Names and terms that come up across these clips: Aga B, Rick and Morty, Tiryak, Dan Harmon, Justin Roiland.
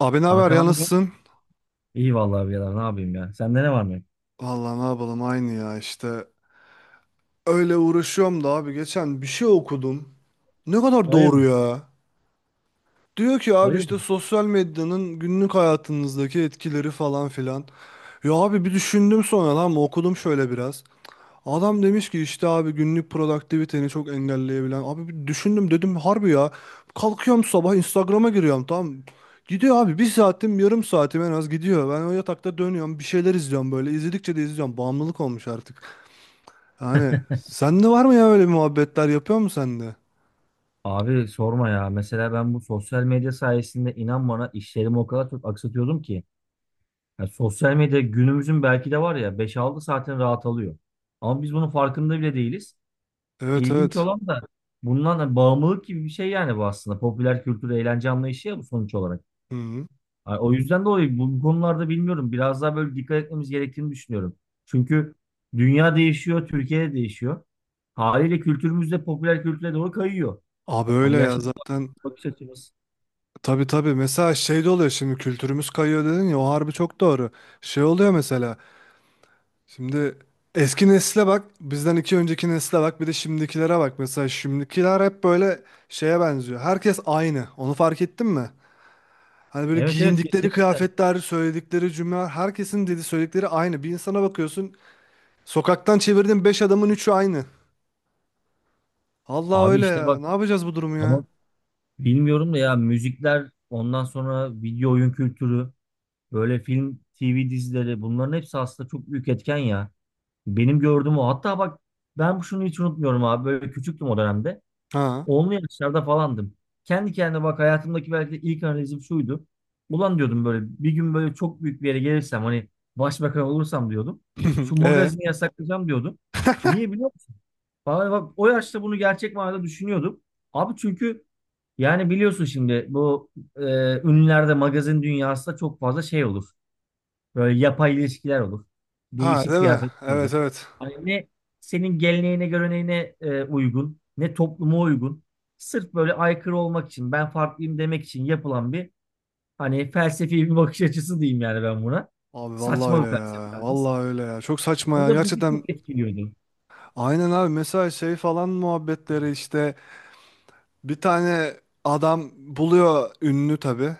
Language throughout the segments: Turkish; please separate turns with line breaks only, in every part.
Abi ne haber
Kanka ne
ya,
yapıyorsun?
nasılsın?
İyi vallahi birader ne yapayım ya. Sende ne var mı?
Vallahi ne yapalım, aynı ya işte. Öyle uğraşıyorum da abi, geçen bir şey okudum. Ne kadar doğru
Hayırdır?
ya. Diyor ki abi,
Hayırdır?
işte sosyal medyanın günlük hayatınızdaki etkileri falan filan. Ya abi bir düşündüm, sonra lan okudum şöyle biraz. Adam demiş ki işte abi, günlük produktiviteni çok engelleyebilen. Abi bir düşündüm, dedim harbi ya. Kalkıyorum sabah, Instagram'a giriyorum, tamam. Gidiyor abi, bir saatim yarım saatim en az gidiyor. Ben o yatakta dönüyorum, bir şeyler izliyorum böyle. İzledikçe de izliyorum. Bağımlılık olmuş artık. Yani sende var mı ya, öyle bir muhabbetler yapıyor musun sen de?
Abi sorma ya. Mesela ben bu sosyal medya sayesinde inan bana işlerimi o kadar çok aksatıyordum ki. Ya sosyal medya günümüzün belki de var ya beş altı saatin rahat alıyor. Ama biz bunun farkında bile değiliz.
Evet,
İlginç
evet.
olan da bundan da bağımlılık gibi bir şey yani bu aslında. Popüler kültür, eğlence anlayışı ya bu sonuç olarak.
Hı hı.
Ay, o yüzden dolayı bu konularda bilmiyorum. Biraz daha böyle dikkat etmemiz gerektiğini düşünüyorum. Çünkü dünya değişiyor, Türkiye de değişiyor. Haliyle kültürümüz de popüler kültüre doğru kayıyor.
Abi
Hani
öyle ya
yaşlı bir
zaten.
bakış açımız.
Tabii tabii, mesela şey de oluyor, şimdi kültürümüz kayıyor dedin ya, o harbi çok doğru. Şey oluyor mesela. Şimdi eski nesle bak, bizden iki önceki nesle bak, bir de şimdikilere bak. Mesela şimdikiler hep böyle şeye benziyor. Herkes aynı. Onu fark ettin mi? Hani böyle
Evet, evet,
giyindikleri
kesinlikle.
kıyafetler, söyledikleri cümleler, herkesin dedi söyledikleri aynı. Bir insana bakıyorsun, sokaktan çevirdiğin beş adamın üçü aynı. Allah
Abi
öyle
işte
ya.
bak,
Ne yapacağız bu durumu ya?
ama bilmiyorum da ya, müzikler, ondan sonra video oyun kültürü, böyle film, TV dizileri, bunların hepsi aslında çok büyük etken ya. Benim gördüğüm o. Hatta bak, ben şunu hiç unutmuyorum abi, böyle küçüktüm o dönemde.
Ha.
Onlu yaşlarda falandım. Kendi kendime bak, hayatımdaki belki de ilk analizim şuydu. Ulan diyordum böyle, bir gün böyle çok büyük bir yere gelirsem, hani başbakan olursam diyordum. Şu
E.
magazini yasaklayacağım diyordum. Niye biliyor musun? Vallahi bak, o yaşta bunu gerçek manada düşünüyordum. Abi çünkü, yani biliyorsun, şimdi bu e, ünlülerde magazin dünyasında çok fazla şey olur. Böyle yapay ilişkiler olur.
Ha,
Değişik
değil mi?
kıyafetler olur.
Evet, evet.
Hani ne senin geleneğine göreneğine uygun, ne topluma uygun. Sırf böyle aykırı olmak için, ben farklıyım demek için yapılan bir, hani felsefi bir bakış açısı diyeyim yani ben buna.
Abi vallahi
Saçma
öyle
bir felsefe
ya.
yalnız.
Vallahi öyle ya. Çok saçma
O
ya.
da bizi
Gerçekten
çok etkiliyordu.
aynen abi. Mesela şey falan muhabbetleri işte, bir tane adam buluyor ünlü tabii.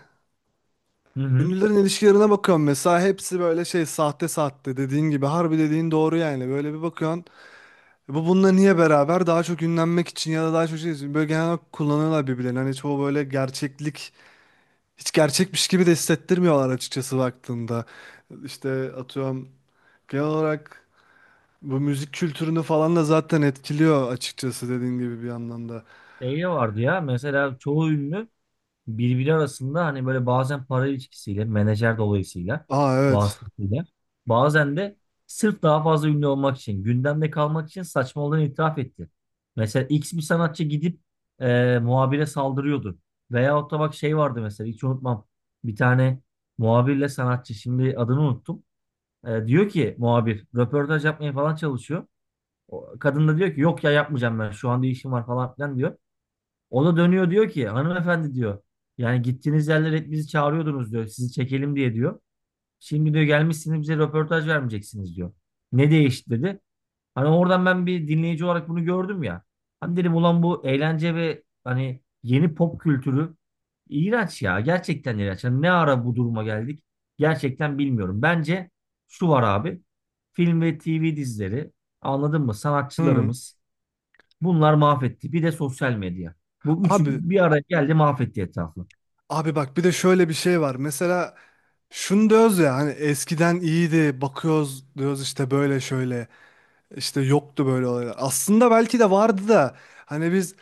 Hı hı.
Ünlülerin ilişkilerine bakıyorum mesela, hepsi böyle şey, sahte sahte, dediğin gibi harbi, dediğin doğru yani. Böyle bir bakıyorsun, e bu bununla niye beraber? Daha çok ünlenmek için ya da daha çok şey için böyle genel olarak kullanıyorlar birbirlerini. Hani çoğu böyle gerçeklik, hiç gerçekmiş gibi de hissettirmiyorlar açıkçası baktığında. İşte atıyorum, genel olarak bu müzik kültürünü falan da zaten etkiliyor açıkçası, dediğin gibi bir anlamda.
Şey de vardı ya, mesela çoğu ünlü birbiri arasında hani böyle bazen para ilişkisiyle, menajer dolayısıyla,
Aa, evet.
vasıtasıyla, bazen de sırf daha fazla ünlü olmak için, gündemde kalmak için saçmalığını itiraf etti. Mesela X bir sanatçı gidip muhabire saldırıyordu. Veyahut da bak, şey vardı mesela, hiç unutmam. Bir tane muhabirle sanatçı, şimdi adını unuttum. E, diyor ki muhabir röportaj yapmaya falan çalışıyor. O kadın da diyor ki yok ya, yapmayacağım ben şu anda, işim var falan filan diyor. O da dönüyor, diyor ki hanımefendi diyor. Yani gittiğiniz yerlere hep bizi çağırıyordunuz diyor. Sizi çekelim diye diyor. Şimdi diyor, gelmişsiniz bize röportaj vermeyeceksiniz diyor. Ne değişti dedi. Hani oradan ben bir dinleyici olarak bunu gördüm ya. Hani dedim ulan, bu eğlence ve hani yeni pop kültürü iğrenç ya. Gerçekten iğrenç. Hani ne ara bu duruma geldik? Gerçekten bilmiyorum. Bence şu var abi. Film ve TV dizileri, anladın mı?
Hı.
Sanatçılarımız, bunlar mahvetti. Bir de sosyal medya. Bu üçü
Abi.
bir araya geldi, mahvetti etrafı.
Bak bir de şöyle bir şey var. Mesela şunu diyoruz ya, hani eskiden iyiydi, bakıyoruz diyoruz işte böyle şöyle, işte yoktu böyle olaylar. Aslında belki de vardı da hani biz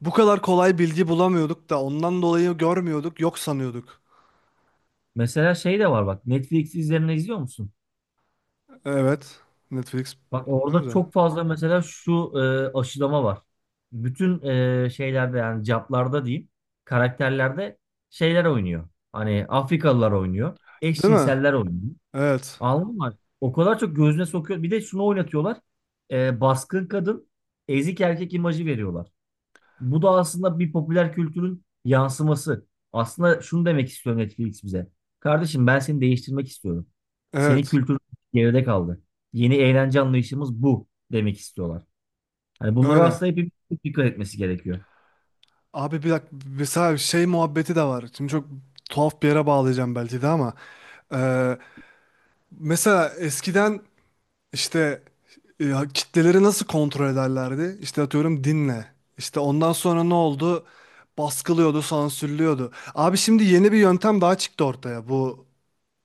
bu kadar kolay bilgi bulamıyorduk da ondan dolayı görmüyorduk, yok sanıyorduk.
Mesela şey de var, bak Netflix üzerinden izliyor musun?
Evet, Netflix
Bak
kullanıyoruz
orada
ya.
çok fazla mesela, şu aşılama var. Bütün şeylerde, yani caplarda diyeyim, karakterlerde şeyler oynuyor. Hani Afrikalılar oynuyor.
Değil mi?
Eşcinseller oynuyor.
Evet.
Anladın mı? O kadar çok gözüne sokuyor. Bir de şunu oynatıyorlar. E, baskın kadın ezik erkek imajı veriyorlar. Bu da aslında bir popüler kültürün yansıması. Aslında şunu demek istiyor Netflix bize. Kardeşim ben seni değiştirmek istiyorum. Senin
Evet.
kültürün geride kaldı. Yeni eğlence anlayışımız bu demek istiyorlar. Hani bunlara
Öyle.
aslında hepimiz çok dikkat etmesi gerekiyor.
Abi bir dakika, mesela şey muhabbeti de var. Şimdi çok tuhaf bir yere bağlayacağım belki de ama. eee, mesela eskiden, İşte kitleleri nasıl kontrol ederlerdi? İşte atıyorum, dinle. İşte ondan sonra ne oldu? Baskılıyordu, sansürlüyordu. Abi şimdi yeni bir yöntem daha çıktı ortaya, bu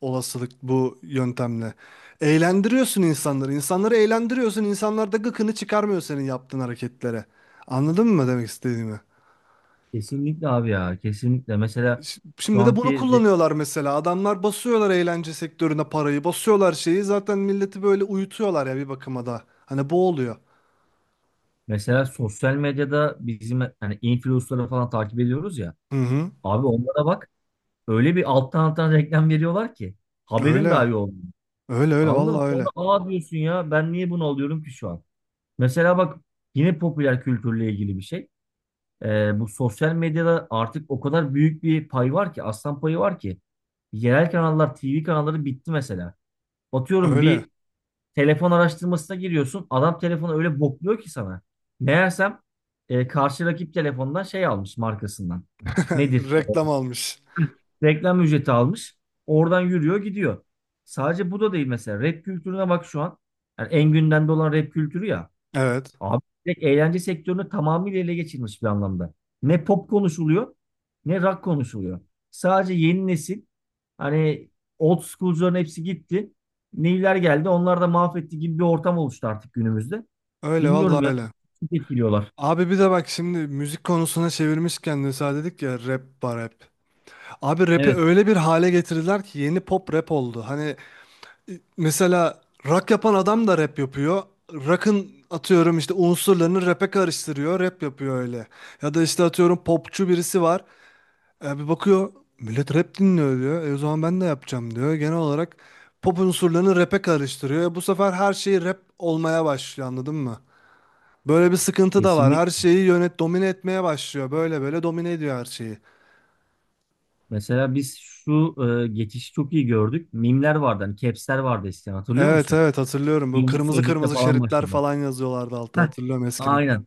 olasılık, bu yöntemle. Eğlendiriyorsun insanları. İnsanları eğlendiriyorsun. İnsanlar da gıkını çıkarmıyor senin yaptığın hareketlere. Anladın mı demek istediğimi?
Kesinlikle abi ya, kesinlikle. Mesela şu
Şimdi de bunu
anki,
kullanıyorlar mesela. Adamlar basıyorlar eğlence sektörüne parayı, basıyorlar şeyi. Zaten milleti böyle uyutuyorlar ya bir bakıma da. Hani bu oluyor.
mesela sosyal medyada bizim hani influencer'ları falan takip ediyoruz ya.
Hı hı.
Abi onlara bak, öyle bir alttan alttan reklam veriyorlar ki haberin
Öyle.
dahi yok.
Öyle öyle
Anladın mı?
vallahi
Sonra
öyle.
aa diyorsun ya, ben niye bunu alıyorum ki şu an? Mesela bak, yine popüler kültürle ilgili bir şey. Bu sosyal medyada artık o kadar büyük bir pay var ki, aslan payı var ki. Yerel kanallar, TV kanalları bitti mesela. Atıyorum,
Öyle.
bir telefon araştırmasına giriyorsun. Adam telefonu öyle bokluyor ki sana. Meğersem karşı rakip telefondan şey almış, markasından. Nedir?
Reklam almış.
Reklam ücreti almış. Oradan yürüyor gidiyor. Sadece bu da değil mesela. Rap kültürüne bak şu an. Yani en gündemde olan rap kültürü ya.
Evet.
Abi direkt eğlence sektörünü tamamıyla ele geçirmiş bir anlamda. Ne pop konuşuluyor, ne rock konuşuluyor. Sadece yeni nesil, hani old school'cuların hepsi gitti. Neyler geldi, onlar da mahvetti gibi bir ortam oluştu artık günümüzde.
Öyle
Bilmiyorum
vallahi
ya,
öyle.
çok etkiliyorlar.
Abi bir de bak, şimdi müzik konusuna çevirmişken de sen, dedik ya rap var rap. Abi rap'i
Evet,
öyle bir hale getirdiler ki, yeni pop rap oldu. Hani mesela rock yapan adam da rap yapıyor. Rock'ın atıyorum işte unsurlarını rap'e karıştırıyor, rap yapıyor öyle. Ya da işte atıyorum, popçu birisi var. E, bir bakıyor, millet rap dinliyor diyor. E, o zaman ben de yapacağım diyor. Genel olarak pop unsurlarını rap'e karıştırıyor. E, bu sefer her şey rap olmaya başlıyor, anladın mı? Böyle bir sıkıntı da var. Her
kesinlikle.
şeyi yönet, domine etmeye başlıyor. Böyle böyle domine ediyor her şeyi.
Mesela biz şu geçişi çok iyi gördük. Mimler vardı, hani caps'ler vardı eskiden, hatırlıyor
Evet
musun?
evet hatırlıyorum. Bu
İngiliz
kırmızı
sözlükle
kırmızı
falan
şeritler
başladık.
falan yazıyorlardı altta,
Heh,
hatırlıyorum eskiden.
aynen.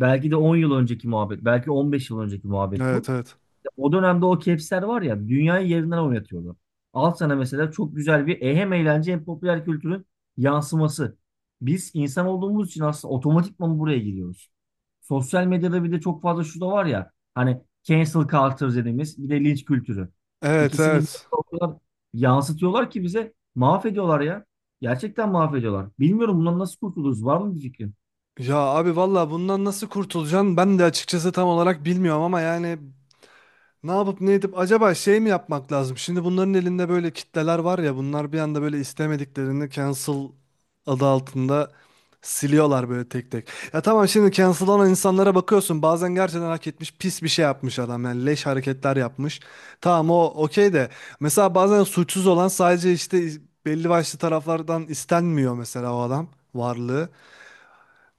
Belki de 10 yıl önceki muhabbet, belki 15 yıl önceki muhabbet
Evet,
bu.
evet.
O dönemde o kepsler var ya, dünyayı yerinden oynatıyordu. Al sana mesela çok güzel bir hem eğlence hem popüler kültürün yansıması. Biz insan olduğumuz için aslında otomatikman buraya giriyoruz. Sosyal medyada bir de çok fazla şu da var ya, hani cancel culture dediğimiz, bir de linç kültürü.
Evet,
İkisini bir
evet.
arada o kadar yansıtıyorlar ki bize, mahvediyorlar ya. Gerçekten mahvediyorlar. Bilmiyorum bundan nasıl kurtuluruz. Var mı bir fikrin?
Ya abi valla bundan nasıl kurtulacaksın? Ben de açıkçası tam olarak bilmiyorum ama yani ne yapıp ne edip acaba şey mi yapmak lazım? Şimdi bunların elinde böyle kitleler var ya, bunlar bir anda böyle istemediklerini cancel adı altında siliyorlar böyle tek tek. Ya tamam, şimdi cancel olan insanlara bakıyorsun bazen gerçekten hak etmiş, pis bir şey yapmış adam, yani leş hareketler yapmış. Tamam, o okey de mesela bazen suçsuz olan sadece işte belli başlı taraflardan istenmiyor, mesela o adam, varlığı.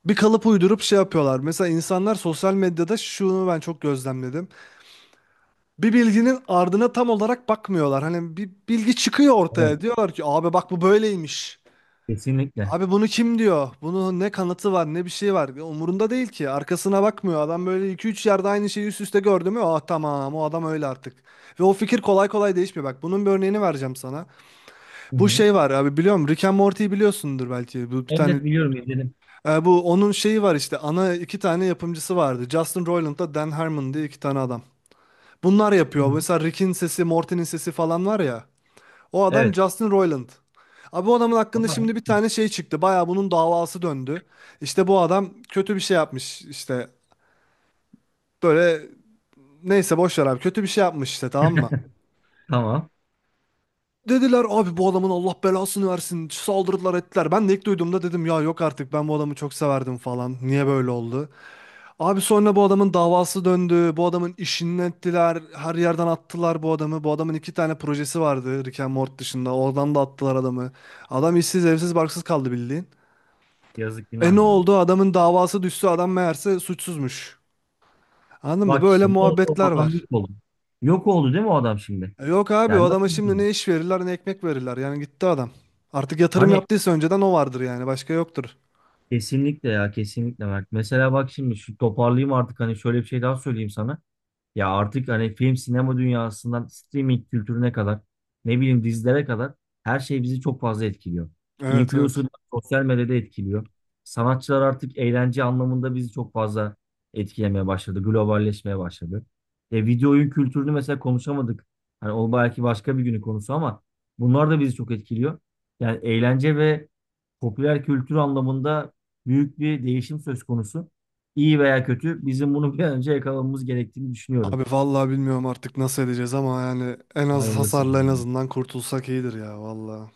Bir kalıp uydurup şey yapıyorlar. Mesela insanlar sosyal medyada şunu ben çok gözlemledim, bir bilginin ardına tam olarak bakmıyorlar. Hani bir bilgi çıkıyor
Evet,
ortaya. Diyorlar ki abi bak, bu böyleymiş.
kesinlikle.
Abi bunu kim diyor? Bunun ne kanıtı var ne bir şey var. Umurunda değil ki. Arkasına bakmıyor. Adam böyle iki üç yerde aynı şeyi üst üste gördü mü? Ah tamam, o adam öyle artık. Ve o fikir kolay kolay değişmiyor. Bak bunun bir örneğini vereceğim sana.
Hı
Bu
hı.
şey var abi, biliyorum Rick and Morty'yi biliyorsundur belki. Bu bir
Evet,
tane
evet, biliyorum, izledim.
bu onun şeyi var işte, ana iki tane yapımcısı vardı. Justin Roiland'da Dan Harmon diye iki tane adam. Bunlar
Hı
yapıyor.
hı.
Mesela Rick'in sesi, Morty'nin sesi falan var ya. O adam
Evet.
Justin Roiland. Abi bu adamın hakkında
Ama.
şimdi bir tane şey çıktı. Baya bunun davası döndü. İşte bu adam kötü bir şey yapmış. İşte böyle, neyse boş ver abi. Kötü bir şey yapmış işte, tamam mı?
Tamam.
Dediler abi bu adamın Allah belasını versin. Saldırdılar, ettiler. Ben de ilk duyduğumda dedim ya, yok artık, ben bu adamı çok severdim falan. Niye böyle oldu? Abi sonra bu adamın davası döndü. Bu adamın işini ettiler. Her yerden attılar bu adamı. Bu adamın iki tane projesi vardı Rick and Morty dışında. Oradan da attılar adamı. Adam işsiz, evsiz, barksız kaldı bildiğin.
Yazık
E
günah
ne
ya.
oldu? Adamın davası düştü. Adam meğerse suçsuzmuş. Anladın mı?
Bak
Böyle
işte ne oldu, o
muhabbetler
adam
var.
yok oldu. Yok oldu değil mi o adam şimdi?
E yok abi, o
Yani nasıl
adama şimdi
bilmiyorum.
ne iş verirler ne ekmek verirler. Yani gitti adam. Artık yatırım
Hani
yaptıysa önceden o vardır yani. Başka yoktur.
kesinlikle ya, kesinlikle Mert. Mesela bak şimdi şu toparlayayım artık, hani şöyle bir şey daha söyleyeyim sana. Ya artık hani film, sinema dünyasından streaming kültürüne kadar, ne bileyim dizilere kadar, her şey bizi çok fazla etkiliyor.
Evet, evet.
Influencerlar sosyal medyada etkiliyor. Sanatçılar artık eğlence anlamında bizi çok fazla etkilemeye başladı. Globalleşmeye başladı. E, video oyun kültürünü mesela konuşamadık. Hani o belki başka bir günün konusu, ama bunlar da bizi çok etkiliyor. Yani eğlence ve popüler kültür anlamında büyük bir değişim söz konusu. İyi veya kötü, bizim bunu bir an önce yakalamamız gerektiğini düşünüyorum.
Abi vallahi bilmiyorum artık nasıl edeceğiz ama yani en az
Hayırlısı.
hasarla en azından kurtulsak iyidir ya vallahi.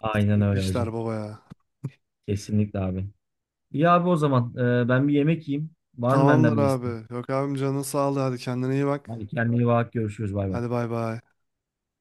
Aynen öyle
İşler
hacım.
baba ya.
Kesinlikle abi. İyi abi, o zaman ben bir yemek yiyeyim. Var mı
Tamamdır
benden bir isteğin?
abi. Yok abim, canın sağlığı. Hadi kendine iyi bak.
Hadi kendine iyi bak, görüşürüz, bay bay.
Hadi bay bay.